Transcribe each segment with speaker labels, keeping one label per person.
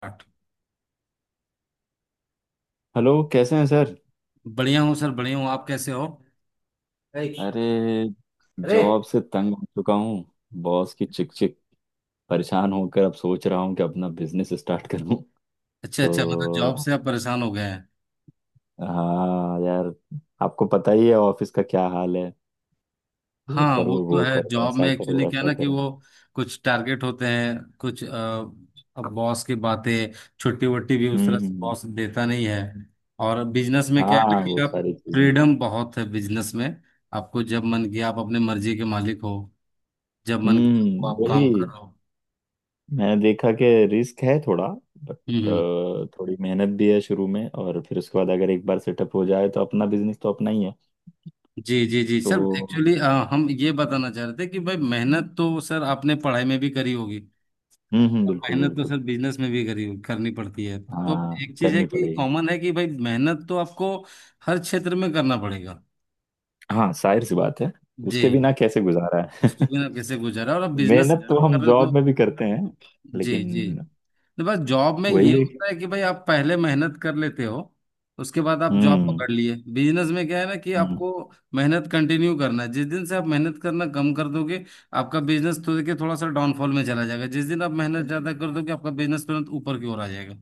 Speaker 1: आठ।
Speaker 2: हेलो, कैसे हैं सर?
Speaker 1: बढ़िया हूँ सर, बढ़िया हूँ। आप कैसे हो? अरे
Speaker 2: अरे,
Speaker 1: अरे।
Speaker 2: जॉब से तंग हो चुका हूँ। बॉस की चिक चिक, परेशान होकर अब सोच रहा हूँ कि अपना बिजनेस स्टार्ट करूँ।
Speaker 1: अच्छा अच्छा, मतलब जॉब
Speaker 2: तो
Speaker 1: से आप परेशान हो गए हैं।
Speaker 2: हाँ यार, आपको पता ही है ऑफिस का क्या हाल है। ये
Speaker 1: हाँ,
Speaker 2: करो,
Speaker 1: वो तो
Speaker 2: वो
Speaker 1: है।
Speaker 2: करो,
Speaker 1: जॉब में
Speaker 2: ऐसा करो,
Speaker 1: एक्चुअली क्या है
Speaker 2: वैसा
Speaker 1: ना कि
Speaker 2: करो।
Speaker 1: वो कुछ टारगेट होते हैं, कुछ अब बॉस की बातें, छुट्टी वट्टी भी उस
Speaker 2: हम्म
Speaker 1: तरह
Speaker 2: हम्म,
Speaker 1: से
Speaker 2: हम्म।
Speaker 1: बॉस देता नहीं है। और बिजनेस में क्या है
Speaker 2: हाँ,
Speaker 1: ना कि
Speaker 2: वो
Speaker 1: आप,
Speaker 2: सारी चीजें।
Speaker 1: फ्रीडम बहुत है बिजनेस में। आपको जब मन किया आप अपने मर्जी के मालिक हो। जब मन किया
Speaker 2: हम्म,
Speaker 1: आप
Speaker 2: वही।
Speaker 1: काम करो।
Speaker 2: मैंने देखा कि रिस्क है थोड़ा, बट
Speaker 1: हम्म हम्म।
Speaker 2: थोड़ी मेहनत भी है शुरू में, और फिर उसके बाद अगर एक बार सेटअप हो जाए तो अपना बिजनेस तो अपना ही है।
Speaker 1: जी जी जी सर, एक्चुअली
Speaker 2: तो
Speaker 1: हम ये बताना चाह रहे थे कि भाई मेहनत तो सर आपने पढ़ाई में भी करी होगी। और
Speaker 2: बिल्कुल
Speaker 1: मेहनत तो
Speaker 2: बिल्कुल।
Speaker 1: सर बिजनेस में भी करी करनी पड़ती है। तो
Speaker 2: हाँ,
Speaker 1: एक चीज है
Speaker 2: करनी
Speaker 1: कि
Speaker 2: पड़ेगी।
Speaker 1: कॉमन है कि भाई मेहनत तो आपको हर क्षेत्र में करना पड़ेगा।
Speaker 2: हाँ, जाहिर सी बात है। उसके
Speaker 1: जी।
Speaker 2: बिना कैसे गुजारा
Speaker 1: उसके
Speaker 2: है?
Speaker 1: बिना कैसे गुजारा, और आप बिजनेस
Speaker 2: मेहनत तो
Speaker 1: कर
Speaker 2: हम
Speaker 1: रहे हो तो।
Speaker 2: जॉब में भी करते हैं,
Speaker 1: जी
Speaker 2: लेकिन
Speaker 1: जी। तो बस जॉब में ये
Speaker 2: वही है कि-।
Speaker 1: होता है कि भाई आप पहले मेहनत कर लेते हो, उसके बाद आप जॉब
Speaker 2: हम्म
Speaker 1: पकड़ लिए। बिजनेस में क्या है ना कि
Speaker 2: हम्म,
Speaker 1: आपको मेहनत कंटिन्यू करना है। जिस दिन से आप मेहनत करना कम कर दोगे, आपका बिजनेस तो देखिए थोड़ा सा डाउनफॉल में चला जाएगा। जिस दिन आप मेहनत ज्यादा कर दोगे, आपका बिजनेस तुरंत ऊपर की ओर आ जाएगा।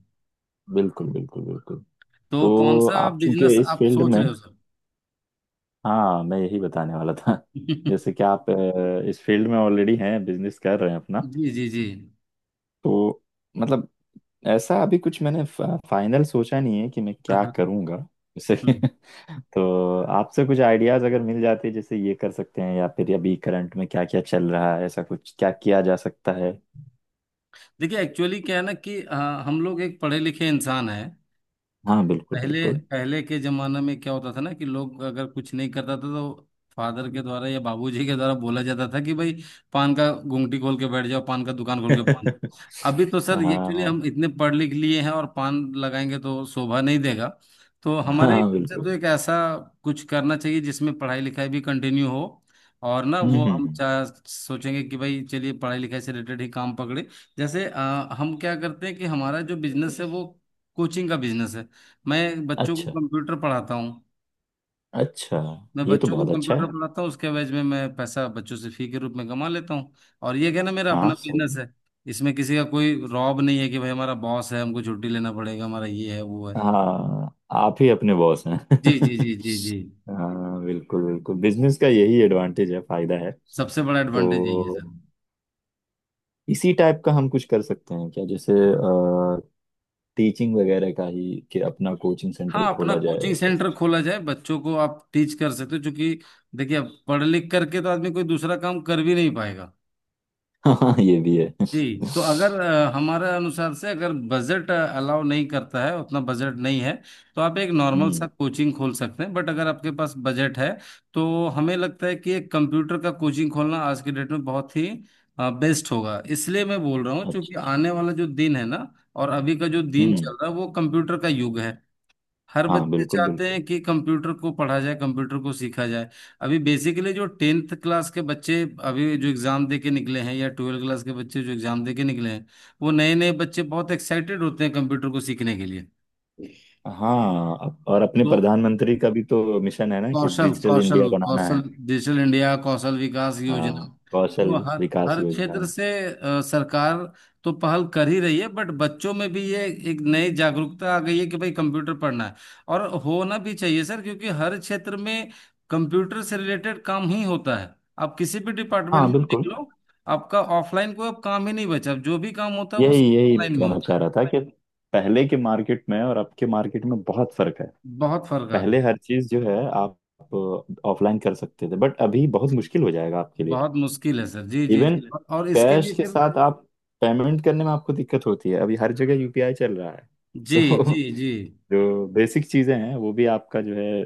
Speaker 2: बिल्कुल बिल्कुल बिल्कुल।
Speaker 1: तो
Speaker 2: तो
Speaker 1: कौन सा
Speaker 2: आप चूंकि
Speaker 1: बिजनेस
Speaker 2: इस
Speaker 1: आप
Speaker 2: फील्ड
Speaker 1: सोच
Speaker 2: में।
Speaker 1: रहे हो सर?
Speaker 2: हाँ, मैं यही बताने वाला था। जैसे कि आप इस फील्ड में ऑलरेडी हैं, बिजनेस कर रहे हैं अपना।
Speaker 1: जी जी जी।
Speaker 2: तो मतलब, ऐसा अभी कुछ मैंने फाइनल सोचा नहीं है कि मैं
Speaker 1: हाँ
Speaker 2: क्या
Speaker 1: हाँ।
Speaker 2: करूँगा जैसे।
Speaker 1: हम्म।
Speaker 2: तो आपसे कुछ आइडियाज अगर मिल जाते, जैसे ये कर सकते हैं, या फिर अभी करंट में क्या क्या चल रहा है, ऐसा कुछ क्या किया जा सकता है।
Speaker 1: देखिए एक्चुअली क्या है ना कि हम लोग एक पढ़े लिखे इंसान है।
Speaker 2: हाँ बिल्कुल
Speaker 1: पहले
Speaker 2: बिल्कुल।
Speaker 1: पहले के जमाना में क्या होता था ना कि लोग अगर कुछ नहीं करता था, तो फादर के द्वारा या बाबूजी के द्वारा बोला जाता था कि भाई पान का गुंगटी खोल के बैठ जाओ, पान का दुकान खोल के। अभी तो सर
Speaker 2: हाँ
Speaker 1: ये एक्चुअली
Speaker 2: हाँ,
Speaker 1: हम इतने पढ़ लिख लिए हैं, और पान लगाएंगे तो शोभा नहीं देगा। तो हमारे
Speaker 2: हाँ
Speaker 1: हिसाब से तो
Speaker 2: बिल्कुल।
Speaker 1: एक ऐसा कुछ करना चाहिए जिसमें पढ़ाई लिखाई भी कंटिन्यू हो। और ना
Speaker 2: हम्म
Speaker 1: वो
Speaker 2: हम्म,
Speaker 1: हम
Speaker 2: हम्म।
Speaker 1: सोचेंगे कि भाई चलिए पढ़ाई लिखाई से रिलेटेड ही काम पकड़े। जैसे हम क्या करते हैं कि हमारा जो बिजनेस है वो कोचिंग का बिजनेस है। मैं बच्चों को
Speaker 2: अच्छा,
Speaker 1: कंप्यूटर पढ़ाता हूँ।
Speaker 2: अच्छा।
Speaker 1: मैं
Speaker 2: ये तो
Speaker 1: बच्चों को
Speaker 2: बहुत अच्छा है।
Speaker 1: कंप्यूटर पढ़ाता हूँ, उसके एवज में मैं पैसा बच्चों से फी के रूप में कमा लेता हूँ। और ये क्या ना, मेरा
Speaker 2: हाँ,
Speaker 1: अपना
Speaker 2: सही
Speaker 1: बिजनेस
Speaker 2: है।
Speaker 1: है। इसमें किसी का कोई रॉब नहीं है कि भाई हमारा बॉस है, हमको छुट्टी लेना पड़ेगा, हमारा ये है वो है।
Speaker 2: हाँ, आप ही अपने बॉस हैं।
Speaker 1: जी जी जी जी जी।
Speaker 2: हाँ बिल्कुल बिल्कुल, बिजनेस का यही एडवांटेज है, फायदा है।
Speaker 1: सबसे बड़ा एडवांटेज यही है
Speaker 2: तो
Speaker 1: सर।
Speaker 2: इसी टाइप का हम कुछ कर सकते हैं क्या? जैसे टीचिंग वगैरह का ही, कि अपना कोचिंग सेंटर
Speaker 1: हाँ, अपना
Speaker 2: खोला जाए,
Speaker 1: कोचिंग
Speaker 2: ऐसा
Speaker 1: सेंटर
Speaker 2: कुछ।
Speaker 1: खोला जाए, बच्चों को आप टीच कर सकते हो, क्योंकि देखिए अब पढ़ लिख करके तो आदमी कोई दूसरा काम कर भी नहीं पाएगा।
Speaker 2: हाँ हाँ, ये भी है।
Speaker 1: जी। तो अगर हमारे अनुसार से अगर बजट अलाउ नहीं करता है, उतना बजट नहीं है, तो आप एक नॉर्मल सा
Speaker 2: हम्म,
Speaker 1: कोचिंग खोल सकते हैं। बट अगर आपके पास बजट है, तो हमें लगता है कि एक कंप्यूटर का कोचिंग खोलना आज के डेट में बहुत ही बेस्ट होगा। इसलिए मैं बोल रहा हूँ क्योंकि
Speaker 2: अच्छा।
Speaker 1: आने वाला जो दिन है ना, और अभी का जो दिन
Speaker 2: हम्म,
Speaker 1: चल रहा है, वो कंप्यूटर का युग है। हर
Speaker 2: हाँ
Speaker 1: बच्चे
Speaker 2: बिल्कुल
Speaker 1: चाहते
Speaker 2: बिल्कुल।
Speaker 1: हैं कि कंप्यूटर को पढ़ा जाए, कंप्यूटर को सीखा जाए। अभी बेसिकली जो टेंथ क्लास के बच्चे, अभी जो एग्जाम दे के निकले हैं, या ट्वेल्थ क्लास के बच्चे जो एग्जाम दे के निकले हैं, वो नए नए बच्चे बहुत एक्साइटेड होते हैं कंप्यूटर को सीखने के लिए।
Speaker 2: हाँ, और अपने
Speaker 1: तो
Speaker 2: प्रधानमंत्री का भी तो मिशन है ना कि
Speaker 1: कौशल
Speaker 2: डिजिटल
Speaker 1: कौशल
Speaker 2: इंडिया बनाना है।
Speaker 1: कौशल, डिजिटल इंडिया कौशल विकास योजना।
Speaker 2: हाँ, कौशल
Speaker 1: तो हर
Speaker 2: विकास
Speaker 1: हर
Speaker 2: योजना।
Speaker 1: क्षेत्र से सरकार तो पहल कर ही रही है। बट बच्चों में भी ये एक नई जागरूकता आ गई है कि भाई कंप्यूटर पढ़ना है। और होना भी चाहिए सर, क्योंकि हर क्षेत्र में कंप्यूटर से रिलेटेड काम ही होता है। आप किसी भी डिपार्टमेंट
Speaker 2: हाँ,
Speaker 1: में देख
Speaker 2: बिल्कुल।
Speaker 1: लो, आपका ऑफलाइन कोई अब काम ही नहीं बचा। अब जो भी काम होता है वो
Speaker 2: यही यही मैं
Speaker 1: ऑनलाइन में
Speaker 2: कहना
Speaker 1: होता
Speaker 2: चाह
Speaker 1: है।
Speaker 2: रहा था, कि पहले के मार्केट में और अब के मार्केट में बहुत फर्क है।
Speaker 1: बहुत फर्क आ गया।
Speaker 2: पहले हर चीज जो है आप ऑफलाइन कर सकते थे, बट अभी बहुत मुश्किल हो जाएगा आपके लिए।
Speaker 1: बहुत मुश्किल है सर। जी जी
Speaker 2: इवन
Speaker 1: जी। और इसके
Speaker 2: कैश
Speaker 1: लिए
Speaker 2: के
Speaker 1: फिर,
Speaker 2: साथ आप पेमेंट करने में आपको दिक्कत होती है, अभी हर जगह यूपीआई चल रहा है।
Speaker 1: जी
Speaker 2: तो
Speaker 1: जी जी,
Speaker 2: जो बेसिक चीजें हैं वो भी आपका जो है,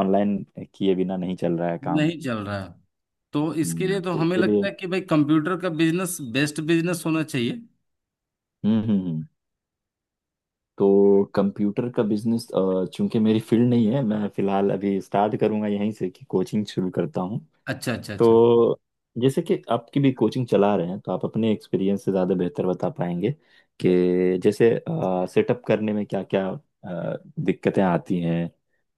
Speaker 2: ऑनलाइन किए बिना नहीं चल रहा है काम।
Speaker 1: नहीं चल रहा है। तो इसके लिए तो
Speaker 2: तो
Speaker 1: हमें लगता
Speaker 2: इसीलिए।
Speaker 1: है कि भाई कंप्यूटर का बिजनेस बेस्ट बिजनेस होना चाहिए।
Speaker 2: हम्म हम्म हम्म। तो कंप्यूटर का बिजनेस, चूंकि मेरी फील्ड नहीं है, मैं फिलहाल अभी स्टार्ट करूंगा यहीं से कि कोचिंग शुरू करता हूँ।
Speaker 1: अच्छा अच्छा अच्छा।
Speaker 2: तो जैसे कि आपकी भी कोचिंग चला रहे हैं, तो आप अपने एक्सपीरियंस से ज़्यादा बेहतर बता पाएंगे कि जैसे सेटअप करने में क्या क्या दिक्कतें आती हैं,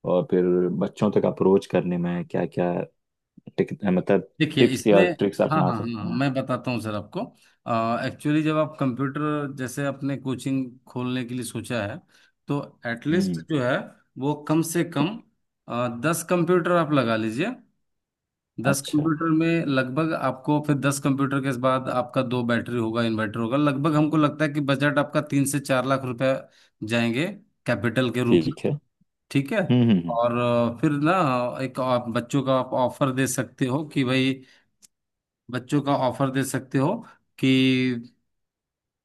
Speaker 2: और फिर बच्चों तक अप्रोच करने में क्या क्या, मतलब
Speaker 1: देखिए
Speaker 2: टिप्स
Speaker 1: इसमें,
Speaker 2: या ट्रिक्स
Speaker 1: हाँ
Speaker 2: अपना
Speaker 1: हाँ हाँ
Speaker 2: सकते
Speaker 1: हाँ,
Speaker 2: हैं।
Speaker 1: मैं बताता हूँ सर आपको। एक्चुअली जब आप कंप्यूटर, जैसे आपने कोचिंग खोलने के लिए सोचा है, तो एटलीस्ट
Speaker 2: हम्म,
Speaker 1: जो है वो कम से कम 10 कंप्यूटर आप लगा लीजिए। 10
Speaker 2: अच्छा।
Speaker 1: कंप्यूटर में लगभग आपको, फिर 10 कंप्यूटर के बाद आपका दो बैटरी होगा, इन्वर्टर होगा। लगभग हमको लगता है कि बजट आपका 3 से 4 लाख रुपए जाएंगे, कैपिटल के रूप।
Speaker 2: ठीक है।
Speaker 1: ठीक है।
Speaker 2: हम्म हम्म
Speaker 1: और फिर ना एक आप बच्चों का आप ऑफर दे सकते हो कि भाई, बच्चों का ऑफर दे सकते हो कि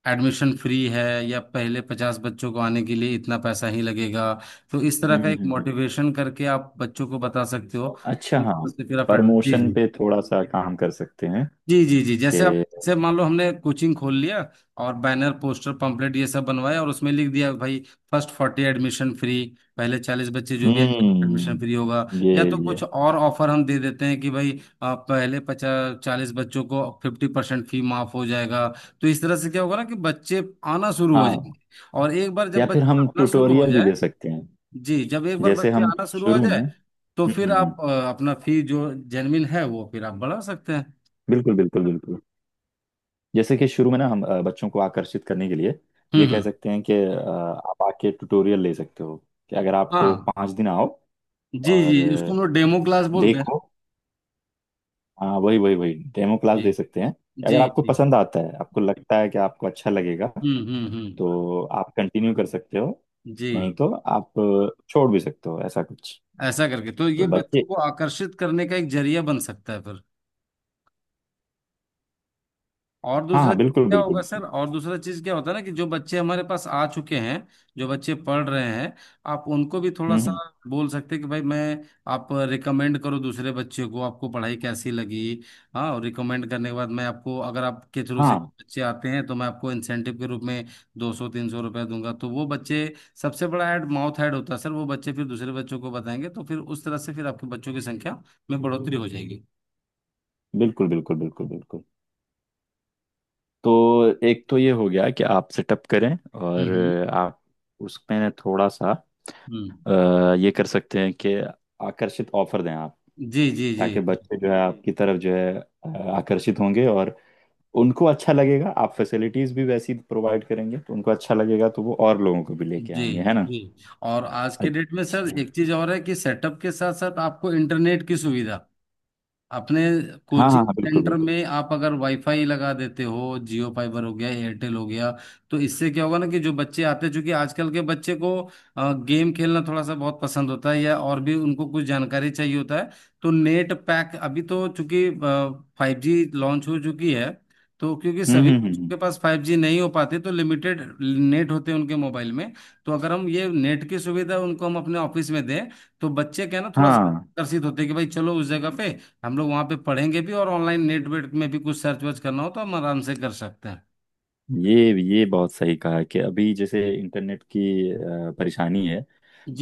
Speaker 1: एडमिशन फ्री है, या पहले 50 बच्चों को आने के लिए इतना पैसा ही लगेगा। तो इस तरह
Speaker 2: हम्म
Speaker 1: का
Speaker 2: हम्म,
Speaker 1: एक
Speaker 2: हम्म, हम्म।
Speaker 1: मोटिवेशन करके आप बच्चों को बता सकते हो।
Speaker 2: अच्छा, हाँ।
Speaker 1: तो फिर आप एडमिशन,
Speaker 2: प्रमोशन
Speaker 1: जी
Speaker 2: पे थोड़ा सा काम कर सकते हैं,
Speaker 1: जी जी जी,
Speaker 2: कि
Speaker 1: जैसे आप, जैसे मान लो हमने कोचिंग खोल लिया और बैनर पोस्टर पंपलेट ये सब बनवाया, और उसमें लिख दिया भाई फर्स्ट फोर्टी एडमिशन फ्री, पहले 40 बच्चे जो भी, एडमिशन
Speaker 2: हम्म,
Speaker 1: फ्री होगा।
Speaker 2: ये
Speaker 1: या तो
Speaker 2: ये
Speaker 1: कुछ और ऑफर हम दे देते हैं कि भाई पहले 50 40 बच्चों को 50% फी माफ हो जाएगा। तो इस तरह से क्या होगा ना कि बच्चे आना शुरू हो जाएंगे।
Speaker 2: हाँ,
Speaker 1: और एक बार जब
Speaker 2: या फिर
Speaker 1: बच्चे
Speaker 2: हम
Speaker 1: आना शुरू हो
Speaker 2: ट्यूटोरियल भी
Speaker 1: जाए,
Speaker 2: दे सकते हैं,
Speaker 1: जी, जब एक बार
Speaker 2: जैसे
Speaker 1: बच्चे
Speaker 2: हम
Speaker 1: आना शुरू हो
Speaker 2: शुरू में।
Speaker 1: जाए तो फिर आप अपना फी जो जेनविन है वो फिर आप बढ़ा सकते हैं।
Speaker 2: बिल्कुल बिल्कुल बिल्कुल। जैसे कि शुरू में ना हम बच्चों को आकर्षित करने के लिए
Speaker 1: हम्म
Speaker 2: ये कह
Speaker 1: हम्म।
Speaker 2: सकते हैं कि आप आके ट्यूटोरियल ले सकते हो, कि अगर आपको
Speaker 1: हाँ।
Speaker 2: 5 दिन आओ,
Speaker 1: जी
Speaker 2: और
Speaker 1: जी, उसको हम लोग डेमो क्लास बोलते हैं।
Speaker 2: देखो। हाँ, वही वही वही डेमो क्लास
Speaker 1: जी
Speaker 2: दे सकते हैं।
Speaker 1: जी
Speaker 2: अगर आपको
Speaker 1: जी।
Speaker 2: पसंद आता है, आपको लगता है कि आपको अच्छा लगेगा,
Speaker 1: हम्म।
Speaker 2: तो आप कंटिन्यू कर सकते हो,
Speaker 1: जी।
Speaker 2: नहीं तो आप छोड़ भी सकते हो, ऐसा कुछ।
Speaker 1: ऐसा करके तो
Speaker 2: तो
Speaker 1: ये
Speaker 2: बच्चे।
Speaker 1: बच्चों को आकर्षित करने का एक जरिया बन सकता है। और
Speaker 2: हाँ
Speaker 1: दूसरा
Speaker 2: हाँ,
Speaker 1: चीज
Speaker 2: बिल्कुल
Speaker 1: क्या
Speaker 2: बिल्कुल
Speaker 1: होगा सर,
Speaker 2: बिल्कुल।
Speaker 1: और दूसरा चीज क्या होता है ना कि जो बच्चे हमारे पास आ चुके हैं, जो बच्चे पढ़ रहे हैं, आप उनको भी थोड़ा
Speaker 2: हम्म
Speaker 1: सा
Speaker 2: हम्म,
Speaker 1: बोल सकते हैं कि भाई मैं, आप रिकमेंड करो दूसरे बच्चे को, आपको पढ़ाई कैसी लगी। हाँ, और रिकमेंड करने के बाद मैं आपको, अगर आपके थ्रू से
Speaker 2: हाँ
Speaker 1: बच्चे आते हैं, तो मैं आपको इंसेंटिव के रूप में 200 300 रुपया दूंगा। तो वो बच्चे, सबसे बड़ा ऐड माउथ ऐड होता है सर, वो बच्चे फिर दूसरे बच्चों को बताएंगे, तो फिर उस तरह से फिर आपके बच्चों की संख्या में बढ़ोतरी हो जाएगी।
Speaker 2: बिल्कुल बिल्कुल बिल्कुल बिल्कुल। तो एक तो ये हो गया कि आप सेटअप करें,
Speaker 1: हम्म
Speaker 2: और
Speaker 1: हम्म
Speaker 2: आप उसमें थोड़ा सा
Speaker 1: हम्म।
Speaker 2: ये कर सकते हैं कि आकर्षित ऑफर दें आप,
Speaker 1: जी जी जी
Speaker 2: ताकि बच्चे जो है आपकी तरफ जो है अ, आकर्षित होंगे, और उनको अच्छा लगेगा। आप फैसिलिटीज भी वैसी प्रोवाइड करेंगे तो उनको अच्छा लगेगा, तो वो और लोगों को भी लेके
Speaker 1: जी
Speaker 2: आएंगे, है ना?
Speaker 1: जी। और आज के डेट में सर
Speaker 2: अच्छा।
Speaker 1: एक चीज और है कि सेटअप के साथ साथ आपको इंटरनेट की सुविधा, अपने
Speaker 2: हाँ हाँ
Speaker 1: कोचिंग
Speaker 2: हाँ, बिल्कुल
Speaker 1: सेंटर
Speaker 2: बिल्कुल।
Speaker 1: में आप अगर वाईफाई लगा देते हो, जियो फाइबर हो गया, एयरटेल हो गया, तो इससे क्या होगा ना कि जो बच्चे आते हैं, चूंकि आजकल के बच्चे को गेम खेलना थोड़ा सा बहुत पसंद होता है, या और भी उनको कुछ जानकारी चाहिए होता है, तो नेट पैक, अभी तो चूंकि 5G लॉन्च हो चुकी है, तो क्योंकि
Speaker 2: हम्म
Speaker 1: सभी
Speaker 2: हम्म हम्म
Speaker 1: बच्चों
Speaker 2: हम्म।
Speaker 1: के पास 5G नहीं हो पाते, तो लिमिटेड नेट होते हैं उनके मोबाइल में। तो अगर हम ये नेट की सुविधा उनको हम अपने ऑफिस में दें, तो बच्चे क्या है ना थोड़ा सा
Speaker 2: हाँ,
Speaker 1: आकर्षित होते हैं कि भाई चलो उस जगह पे हम लोग वहाँ पे पढ़ेंगे भी, और ऑनलाइन नेट वेट में भी कुछ सर्च वर्च करना हो तो हम आराम से कर सकते हैं।
Speaker 2: ये ये बहुत सही कहा, कि अभी जैसे इंटरनेट की परेशानी है।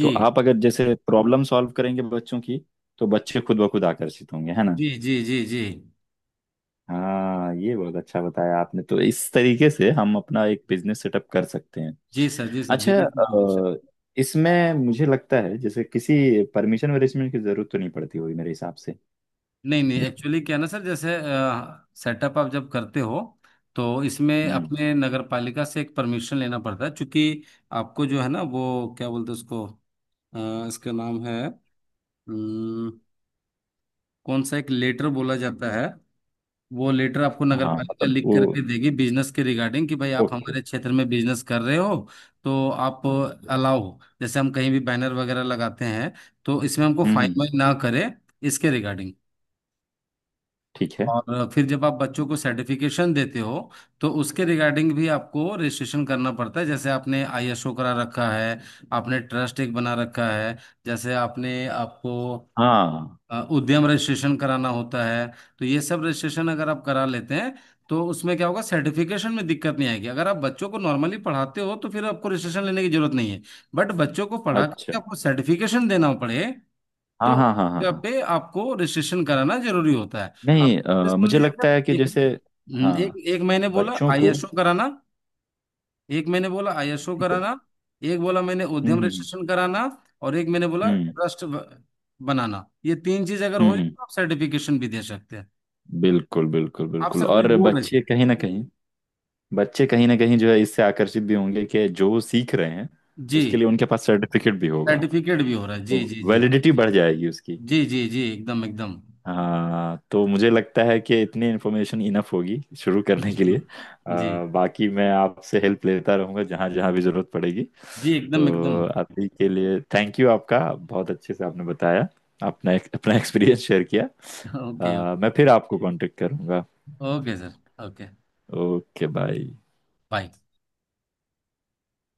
Speaker 2: तो आप अगर जैसे प्रॉब्लम सॉल्व करेंगे बच्चों की, तो बच्चे खुद ब खुद आकर्षित होंगे, है ना?
Speaker 1: जी जी जी। जी
Speaker 2: हाँ, ये बहुत अच्छा बताया आपने। तो इस तरीके से हम अपना एक बिजनेस सेटअप कर सकते हैं।
Speaker 1: जी सर, जी सर,
Speaker 2: अच्छा,
Speaker 1: बिजनेस सर।
Speaker 2: इसमें मुझे लगता है जैसे किसी परमिशन वरिशमेंट की जरूरत तो नहीं पड़ती होगी मेरे हिसाब से।
Speaker 1: नहीं नहीं, एक्चुअली क्या है ना सर, जैसे सेटअप आप जब करते हो, तो इसमें
Speaker 2: हम्म।
Speaker 1: अपने नगर पालिका से एक परमिशन लेना पड़ता है, क्योंकि आपको जो है ना वो क्या बोलते हैं उसको, इसका नाम है, अम, कौन सा एक लेटर बोला जाता है, वो लेटर आपको नगर
Speaker 2: हाँ,
Speaker 1: पालिका
Speaker 2: मतलब
Speaker 1: लिख
Speaker 2: वो।
Speaker 1: करके देगी बिजनेस के रिगार्डिंग कि भाई आप
Speaker 2: ओके।
Speaker 1: हमारे क्षेत्र में बिजनेस कर रहे हो। तो आप अलाउ हो, जैसे हम कहीं भी बैनर वगैरह लगाते हैं तो इसमें हमको
Speaker 2: हम्म
Speaker 1: फाइन
Speaker 2: हम्म,
Speaker 1: वाइन ना करे, इसके रिगार्डिंग।
Speaker 2: ठीक है।
Speaker 1: और फिर जब आप बच्चों को सर्टिफिकेशन देते हो, तो उसके रिगार्डिंग भी आपको रजिस्ट्रेशन करना पड़ता है। जैसे आपने ISO करा रखा है, आपने ट्रस्ट एक बना रखा है, जैसे आपने, आपको
Speaker 2: हाँ,
Speaker 1: उद्यम रजिस्ट्रेशन कराना होता है। तो ये सब रजिस्ट्रेशन अगर आप करा लेते हैं, तो उसमें क्या होगा, सर्टिफिकेशन में दिक्कत नहीं आएगी। अगर आप बच्चों को नॉर्मली पढ़ाते हो तो फिर आपको रजिस्ट्रेशन लेने की जरूरत नहीं है, बट बच्चों को पढ़ा
Speaker 2: अच्छा।
Speaker 1: करके आपको सर्टिफिकेशन देना पड़े,
Speaker 2: हाँ
Speaker 1: तो उस
Speaker 2: हाँ हाँ हाँ
Speaker 1: जगह
Speaker 2: हाँ।
Speaker 1: पे आपको रजिस्ट्रेशन कराना जरूरी होता है। आप
Speaker 2: नहीं,
Speaker 1: सुन
Speaker 2: मुझे
Speaker 1: लीजिए
Speaker 2: लगता है
Speaker 1: सर,
Speaker 2: कि
Speaker 1: एक
Speaker 2: जैसे,
Speaker 1: एक
Speaker 2: हाँ,
Speaker 1: एक महीने बोला
Speaker 2: बच्चों को।
Speaker 1: ISO कराना, एक मैंने बोला ISO
Speaker 2: ठीक है।
Speaker 1: कराना, एक बोला मैंने
Speaker 2: हम्म
Speaker 1: उद्यम
Speaker 2: हम्म हम्म।
Speaker 1: रजिस्ट्रेशन कराना, और एक मैंने बोला
Speaker 2: हम्म
Speaker 1: ट्रस्ट बनाना। ये तीन चीज अगर
Speaker 2: हम्म
Speaker 1: हो जाए
Speaker 2: हम्म,
Speaker 1: तो आप सर्टिफिकेशन भी दे सकते हैं।
Speaker 2: बिल्कुल बिल्कुल
Speaker 1: आप
Speaker 2: बिल्कुल,
Speaker 1: सर कुछ
Speaker 2: और
Speaker 1: बोल रहे
Speaker 2: बच्चे
Speaker 1: थे?
Speaker 2: कहीं ना कहीं बच्चे कहीं ना कहीं जो है, इससे आकर्षित भी होंगे कि जो वो सीख रहे हैं,
Speaker 1: जी।
Speaker 2: उसके लिए उनके पास सर्टिफिकेट भी होगा।
Speaker 1: सर्टिफिकेट भी हो रहा है, जी
Speaker 2: तो
Speaker 1: जी जी।
Speaker 2: वैलिडिटी बढ़ जाएगी उसकी।
Speaker 1: जी जी जी एकदम एकदम।
Speaker 2: हाँ, तो मुझे लगता है कि इतनी इन्फॉर्मेशन इनफ होगी शुरू करने के लिए।
Speaker 1: जी
Speaker 2: बाकी मैं आपसे हेल्प लेता रहूँगा, जहाँ जहाँ भी ज़रूरत पड़ेगी।
Speaker 1: जी एकदम एकदम।
Speaker 2: तो अभी के लिए थैंक यू, आपका, बहुत अच्छे से आपने बताया, अपना अपना एक्सपीरियंस शेयर किया।
Speaker 1: ओके।
Speaker 2: मैं फिर आपको कांटेक्ट करूँगा।
Speaker 1: Okay sir. Okay.
Speaker 2: Okay, bye.
Speaker 1: Bye.